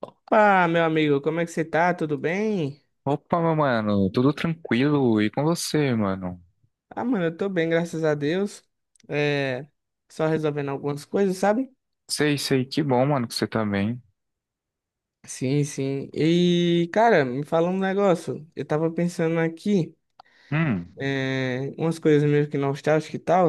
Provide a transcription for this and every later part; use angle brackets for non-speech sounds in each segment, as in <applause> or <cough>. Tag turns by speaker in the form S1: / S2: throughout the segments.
S1: Opa, meu amigo, como é que você tá? Tudo bem?
S2: Opa, meu mano, tudo tranquilo? E com você, mano?
S1: Ah, mano, eu tô bem, graças a Deus. É, só resolvendo algumas coisas, sabe?
S2: Sei, sei, que bom, mano, que você tá bem.
S1: Sim, sim. E, cara, me fala um negócio. Eu tava pensando aqui,
S2: Hum,
S1: umas coisas meio que nostálgicas e tal,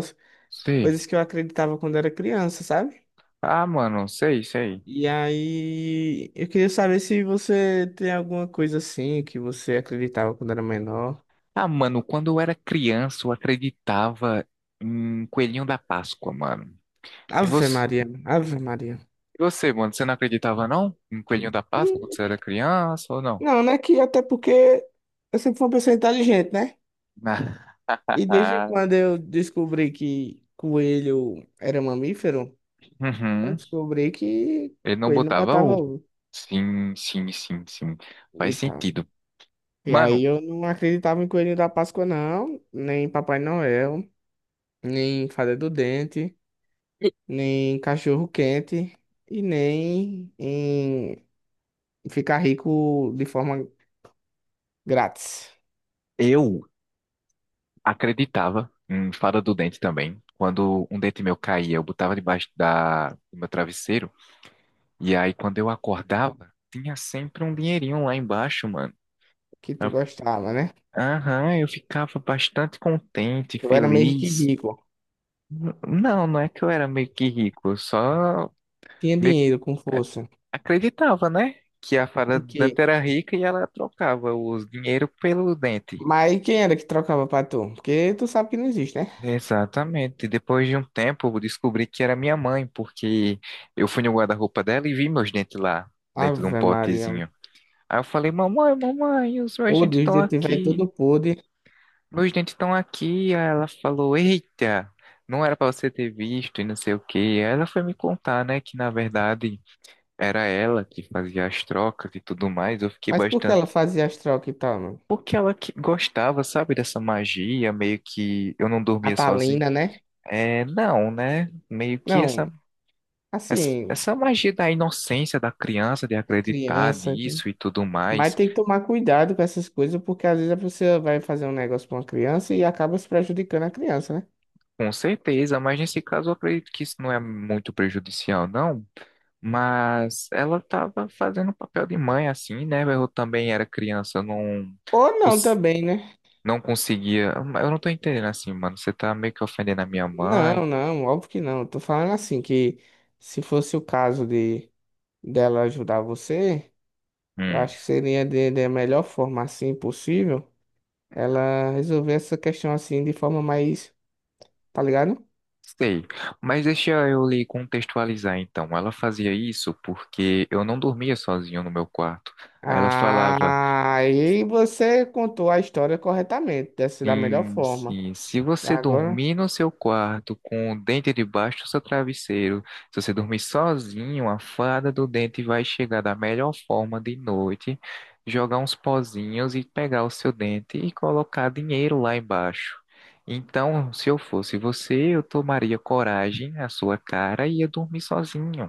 S2: sei.
S1: coisas que eu acreditava quando era criança, sabe?
S2: Ah, mano, sei, sei.
S1: E aí, eu queria saber se você tem alguma coisa assim que você acreditava quando era menor.
S2: Ah, mano, quando eu era criança, eu acreditava em Coelhinho da Páscoa, mano. E
S1: Ave
S2: você,
S1: Maria, Ave Maria.
S2: e você, mano, você não acreditava, não? Em Coelhinho da Páscoa quando você era criança ou não?
S1: Não, né? Que até porque eu sempre fui uma pessoa inteligente, né? E desde quando
S2: <laughs>
S1: eu descobri que coelho era mamífero, eu
S2: Uhum.
S1: descobri que
S2: Ele não
S1: coelho não
S2: botava
S1: botava
S2: ovo.
S1: ovo
S2: Sim, sim, sim, sim.
S1: e
S2: Faz
S1: tal.
S2: sentido.
S1: E aí
S2: Mano,
S1: eu não acreditava em coelho da Páscoa, não, nem em Papai Noel, nem em fada do dente, nem em cachorro quente e nem em ficar rico de forma grátis,
S2: eu acreditava em fada do dente também. Quando um dente meu caía, eu botava debaixo do meu travesseiro. E aí, quando eu acordava, tinha sempre um dinheirinho lá embaixo, mano.
S1: que tu
S2: Eu-
S1: gostava, né?
S2: Aham, eu ficava bastante contente,
S1: Tu era meio que
S2: feliz.
S1: rico,
S2: Não, não é que eu era meio que rico, eu só
S1: tinha
S2: meio que
S1: dinheiro com
S2: a-
S1: força.
S2: acreditava, né? Que a fada do
S1: Ok.
S2: dente era rica e ela trocava os dinheiro pelo dente.
S1: Mas quem era que trocava pra tu? Porque tu sabe que não existe, né?
S2: Exatamente. E depois de um tempo, eu descobri que era minha mãe, porque eu fui no guarda-roupa dela e vi meus dentes lá, dentro de um
S1: Ave Maria.
S2: potezinho. Aí eu falei, mamãe, mamãe, os meus
S1: O
S2: dentes
S1: Deus,
S2: estão
S1: detetive aí
S2: aqui.
S1: tudo podre.
S2: Meus dentes estão aqui. Aí ela falou, eita, não era para você ter visto e não sei o quê. Aí ela foi me contar, né, que na verdade era ela que fazia as trocas e tudo mais. Eu fiquei
S1: Mas por que ela
S2: bastante.
S1: fazia as trocas e tal, mano?
S2: Porque ela que gostava, sabe, dessa magia, meio que eu não dormia sozinho.
S1: Catalina, né?
S2: É, não, né? Meio que essa
S1: Não,
S2: Essa,
S1: assim,
S2: essa magia da inocência da criança de
S1: a
S2: acreditar
S1: criança.
S2: nisso e tudo
S1: Mas
S2: mais,
S1: tem que tomar cuidado com essas coisas, porque às vezes a pessoa vai fazer um negócio pra uma criança e acaba se prejudicando a criança, né?
S2: com certeza, mas nesse caso eu acredito que isso não é muito prejudicial, não. Mas ela estava fazendo o papel de mãe, assim, né? Eu também era criança, eu não,
S1: Ou não
S2: cons-
S1: também, né?
S2: não conseguia. Eu não tô entendendo assim, mano. Você tá meio que ofendendo a minha
S1: Não,
S2: mãe.
S1: não, óbvio que não. Tô falando assim, que se fosse o caso de dela ajudar você. Eu
S2: Hum,
S1: acho que seria de melhor forma assim possível ela resolver essa questão assim de forma mais, tá ligado?
S2: sei. Mas deixa eu lhe contextualizar então. Ela fazia isso porque eu não dormia sozinho no meu quarto. Aí ela falava.
S1: Ah, aí você contou a história corretamente, dessa da melhor
S2: Sim,
S1: forma.
S2: sim. Se
S1: E
S2: você
S1: agora,
S2: dormir no seu quarto com o dente debaixo do seu travesseiro, se você dormir sozinho, a fada do dente vai chegar da melhor forma de noite, jogar uns pozinhos e pegar o seu dente e colocar dinheiro lá embaixo. Então, se eu fosse você, eu tomaria coragem à sua cara e ia dormir sozinho.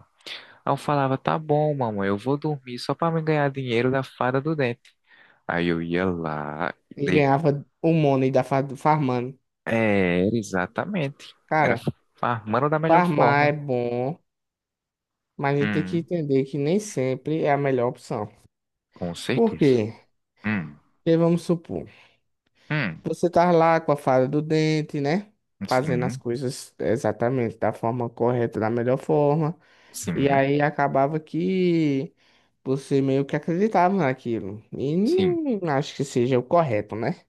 S2: Aí eu falava, tá bom, mamãe, eu vou dormir só para me ganhar dinheiro da fada do dente. Aí eu ia lá
S1: e ganhava o money da farmando.
S2: É, Era exatamente. Era
S1: Cara,
S2: farmando da melhor
S1: farmar é
S2: forma.
S1: bom, mas a gente tem que
S2: Hum,
S1: entender que nem sempre é a melhor opção.
S2: com
S1: Por
S2: certeza.
S1: quê?
S2: Hum,
S1: Porque vamos supor,
S2: hum,
S1: você tá lá com a fada do dente, né? Fazendo as
S2: sim,
S1: coisas exatamente da forma correta, da melhor forma. E
S2: sim,
S1: aí acabava que você meio que acreditava naquilo. E
S2: sim,
S1: não acho que seja o correto, né?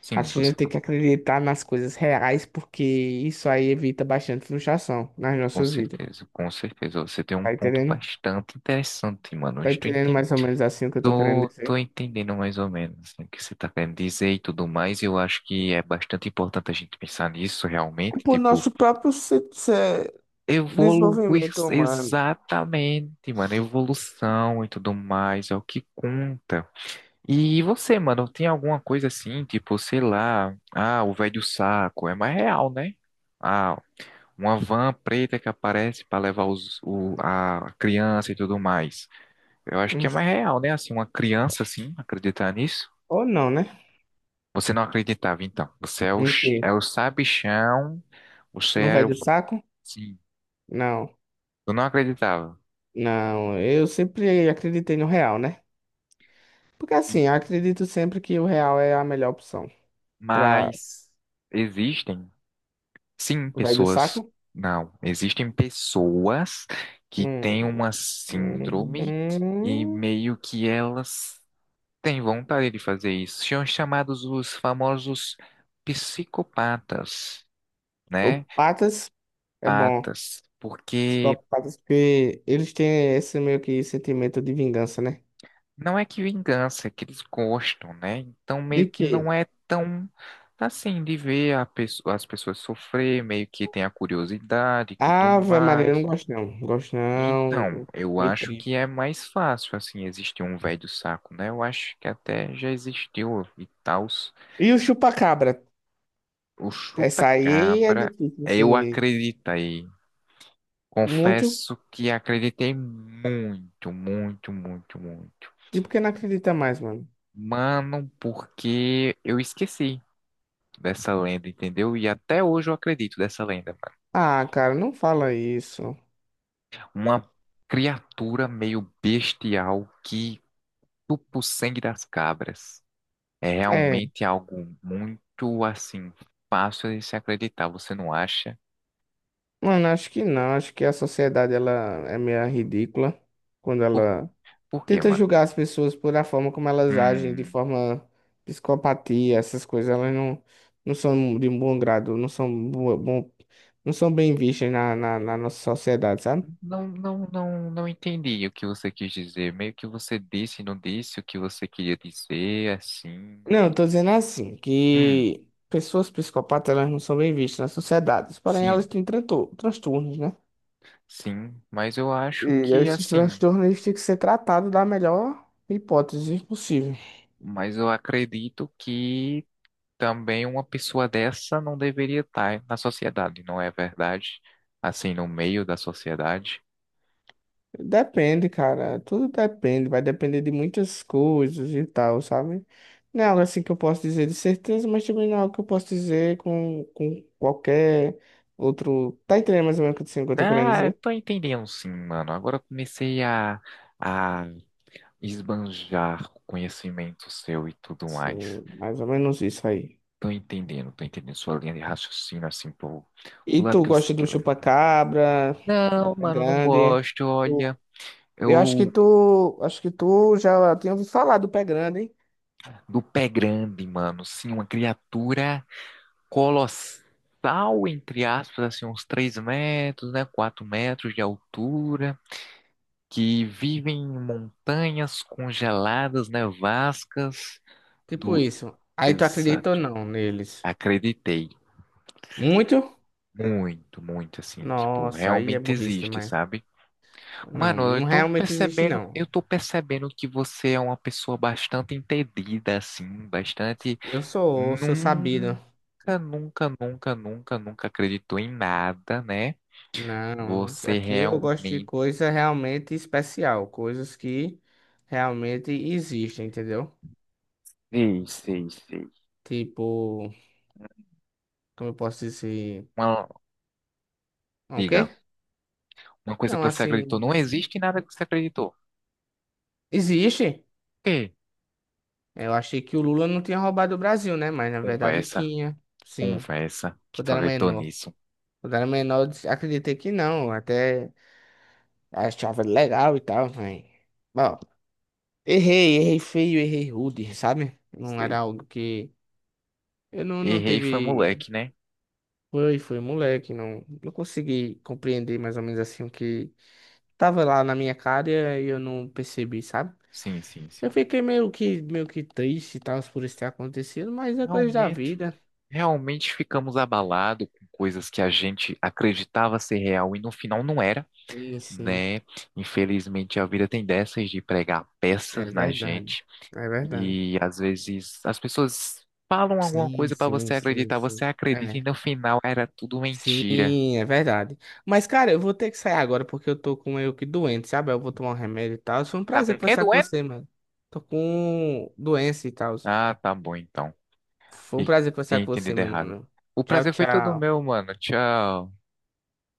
S2: sim,
S1: Acho que a gente
S2: você
S1: tem que
S2: falou.
S1: acreditar nas coisas reais, porque isso aí evita bastante frustração nas
S2: Com
S1: nossas vidas.
S2: certeza, com certeza. Você tem um
S1: Tá
S2: ponto
S1: entendendo?
S2: bastante interessante, mano.
S1: Tá entendendo mais ou menos assim o que eu tô querendo
S2: Tô,
S1: dizer?
S2: tô entendendo mais ou menos assim, o que você está querendo dizer e tudo mais. Eu acho que é bastante importante a gente pensar nisso
S1: É
S2: realmente.
S1: por
S2: Tipo,
S1: nosso próprio
S2: evoluir
S1: desenvolvimento humano.
S2: exatamente, mano. Evolução e tudo mais é o que conta. E você, mano, tem alguma coisa assim, tipo, sei lá, ah, o velho saco, é mais real, né? Ah, uma van preta que aparece pra levar a criança e tudo mais. Eu acho que
S1: Hum,
S2: é mais real, né? Assim, uma criança, assim, acreditar nisso.
S1: Ou não, né?
S2: Você não acreditava, então. Você é o,
S1: Em quê?
S2: é o sabichão, você
S1: Não
S2: é
S1: vai
S2: o...
S1: do saco?
S2: Sim,
S1: Não.
S2: eu não acreditava.
S1: Não, eu sempre acreditei no real, né? Porque assim, eu acredito sempre que o real é a melhor opção. Pra
S2: Mas existem. Sim,
S1: vai do
S2: pessoas.
S1: saco?
S2: Não, existem pessoas que
S1: Hum,
S2: têm uma síndrome
S1: hum,
S2: e
S1: hum.
S2: meio que elas têm vontade de fazer isso. São chamados os famosos psicopatas,
S1: O
S2: né?
S1: Patas é bom.
S2: Patas,
S1: Os
S2: porque
S1: patas porque eles têm esse meio que sentimento de vingança, né?
S2: não é que vingança, é que eles gostam, né? Então
S1: De
S2: meio que
S1: quê?
S2: não é tão assim de ver as pessoas sofrer, meio que tem a curiosidade e tudo
S1: Ave Maria, eu não
S2: mais.
S1: gosto não. Gosto
S2: Então,
S1: não.
S2: eu
S1: Meio
S2: acho
S1: triste.
S2: que é mais fácil, assim, existir um velho saco, né? Eu acho que até já existiu e tal.
S1: E o chupa-cabra?
S2: O
S1: Essa aí é
S2: chupa-cabra,
S1: difícil,
S2: eu
S1: assim.
S2: acreditei.
S1: Muito.
S2: Confesso que acreditei muito, muito, muito, muito.
S1: E porque não acredita mais, mano?
S2: Mano, porque eu esqueci dessa lenda, entendeu? E até hoje eu acredito dessa lenda, mano.
S1: Ah, cara, não fala isso.
S2: Uma criatura meio bestial que chupa o sangue das cabras. É
S1: É,
S2: realmente algo muito assim fácil de se acreditar, você não acha?
S1: mano, acho que não. Acho que a sociedade ela é meio ridícula quando
S2: Por,
S1: ela
S2: por quê,
S1: tenta
S2: mano?
S1: julgar as pessoas por a forma como elas agem, de
S2: Hum,
S1: forma psicopatia, essas coisas. Elas não, não são de um bom grado, bom, não são bem vistas na nossa sociedade, sabe?
S2: não, não, não, não entendi o que você quis dizer. Meio que você disse e não disse o que você queria dizer, assim.
S1: Não, eu tô dizendo assim,
S2: Hum,
S1: que pessoas psicopatas elas não são bem vistas na sociedade, porém elas
S2: sim,
S1: têm transtornos, né?
S2: sim,
S1: E esses transtornos eles têm que ser tratados da melhor hipótese possível.
S2: mas eu acredito que também uma pessoa dessa não deveria estar na sociedade, não é verdade? Assim, no meio da sociedade.
S1: Depende, cara. Tudo depende. Vai depender de muitas coisas e tal, sabe? Não é algo assim que eu posso dizer de certeza, mas também não é algo que eu posso dizer com qualquer outro. Tá entendendo mais ou menos o que o que eu tô querendo
S2: Ah, eu
S1: dizer?
S2: tô entendendo sim, mano. Agora eu comecei a esbanjar o conhecimento seu e tudo mais.
S1: Sim, mais ou menos isso aí.
S2: Tô entendendo sua linha de raciocínio, assim, pro,
S1: E
S2: pro lado
S1: tu
S2: que você
S1: gosta do
S2: quer levar.
S1: chupa-cabra, do
S2: Não,
S1: pé
S2: mano, não
S1: grande?
S2: gosto,
S1: Tu-
S2: olha.
S1: eu
S2: Eu,
S1: acho que tu já tinha ouvido falar do pé grande, hein?
S2: do pé grande, mano, sim, uma criatura colossal, entre aspas, assim, uns 3 metros, né, 4 metros de altura, que vive em montanhas congeladas, nevascas
S1: Tipo
S2: do
S1: isso. Aí tu acredita ou
S2: exato.
S1: não neles?
S2: Acreditei.
S1: Muito?
S2: Muito, muito assim, tipo,
S1: Nossa, aí é
S2: realmente
S1: burrice
S2: existe,
S1: demais.
S2: sabe?
S1: Não,
S2: Mano,
S1: não realmente existe, não.
S2: eu tô percebendo que você é uma pessoa bastante entendida, assim, bastante
S1: Eu sou, sou sabido.
S2: nunca, nunca, nunca, nunca, nunca acreditou em nada, né?
S1: Não,
S2: Você
S1: aqui eu gosto de
S2: realmente.
S1: coisa realmente especial, coisas que realmente existem, entendeu?
S2: Sei, sei, sei.
S1: Tipo, como eu posso dizer?
S2: uma,
S1: É, o quê?
S2: diga, uma coisa que
S1: Não,
S2: você acreditou, não
S1: assim,
S2: existe nada que você acreditou.
S1: existe.
S2: Que?
S1: Eu achei que o Lula não tinha roubado o Brasil, né? Mas na verdade
S2: Conversa,
S1: tinha, sim,
S2: conversa, que
S1: quando
S2: tu
S1: era
S2: acreditou
S1: menor.
S2: nisso.
S1: Quando era menor, acreditei que não, até achava legal e tal, mas... Bom, errei, errei feio, errei rude, sabe? Não era
S2: Sei.
S1: algo que eu não, não
S2: Errei foi
S1: teve.
S2: moleque, né?
S1: Foi, foi moleque, não, não consegui compreender mais ou menos assim o que tava lá na minha cara e eu não percebi, sabe?
S2: Sim, sim,
S1: Eu
S2: sim.
S1: fiquei meio que triste e tal por isso ter acontecido, mas é coisa da
S2: Realmente,
S1: vida.
S2: realmente ficamos abalados com coisas que a gente acreditava ser real e no final não era,
S1: Sim, sim,
S2: né? Infelizmente a vida tem dessas de pregar
S1: é
S2: peças na
S1: verdade,
S2: gente
S1: é verdade.
S2: e às vezes as pessoas falam alguma
S1: Sim,
S2: coisa pra
S1: sim,
S2: você
S1: sim,
S2: acreditar, você
S1: sim.
S2: acredita e
S1: É.
S2: no final era tudo mentira.
S1: Sim, é verdade. Mas, cara, eu vou ter que sair agora porque eu tô com meio que doente, sabe? Eu vou tomar um remédio e tal. Foi um
S2: Tá
S1: prazer
S2: com quem
S1: conversar com
S2: doendo?
S1: você, mano. Tô com doença e tal.
S2: Ah, tá bom então.
S1: Foi um
S2: E
S1: prazer conversar
S2: tinha
S1: com você,
S2: entendido
S1: meu
S2: errado.
S1: mano.
S2: O
S1: Tchau,
S2: prazer foi todo
S1: tchau.
S2: meu, mano. Tchau.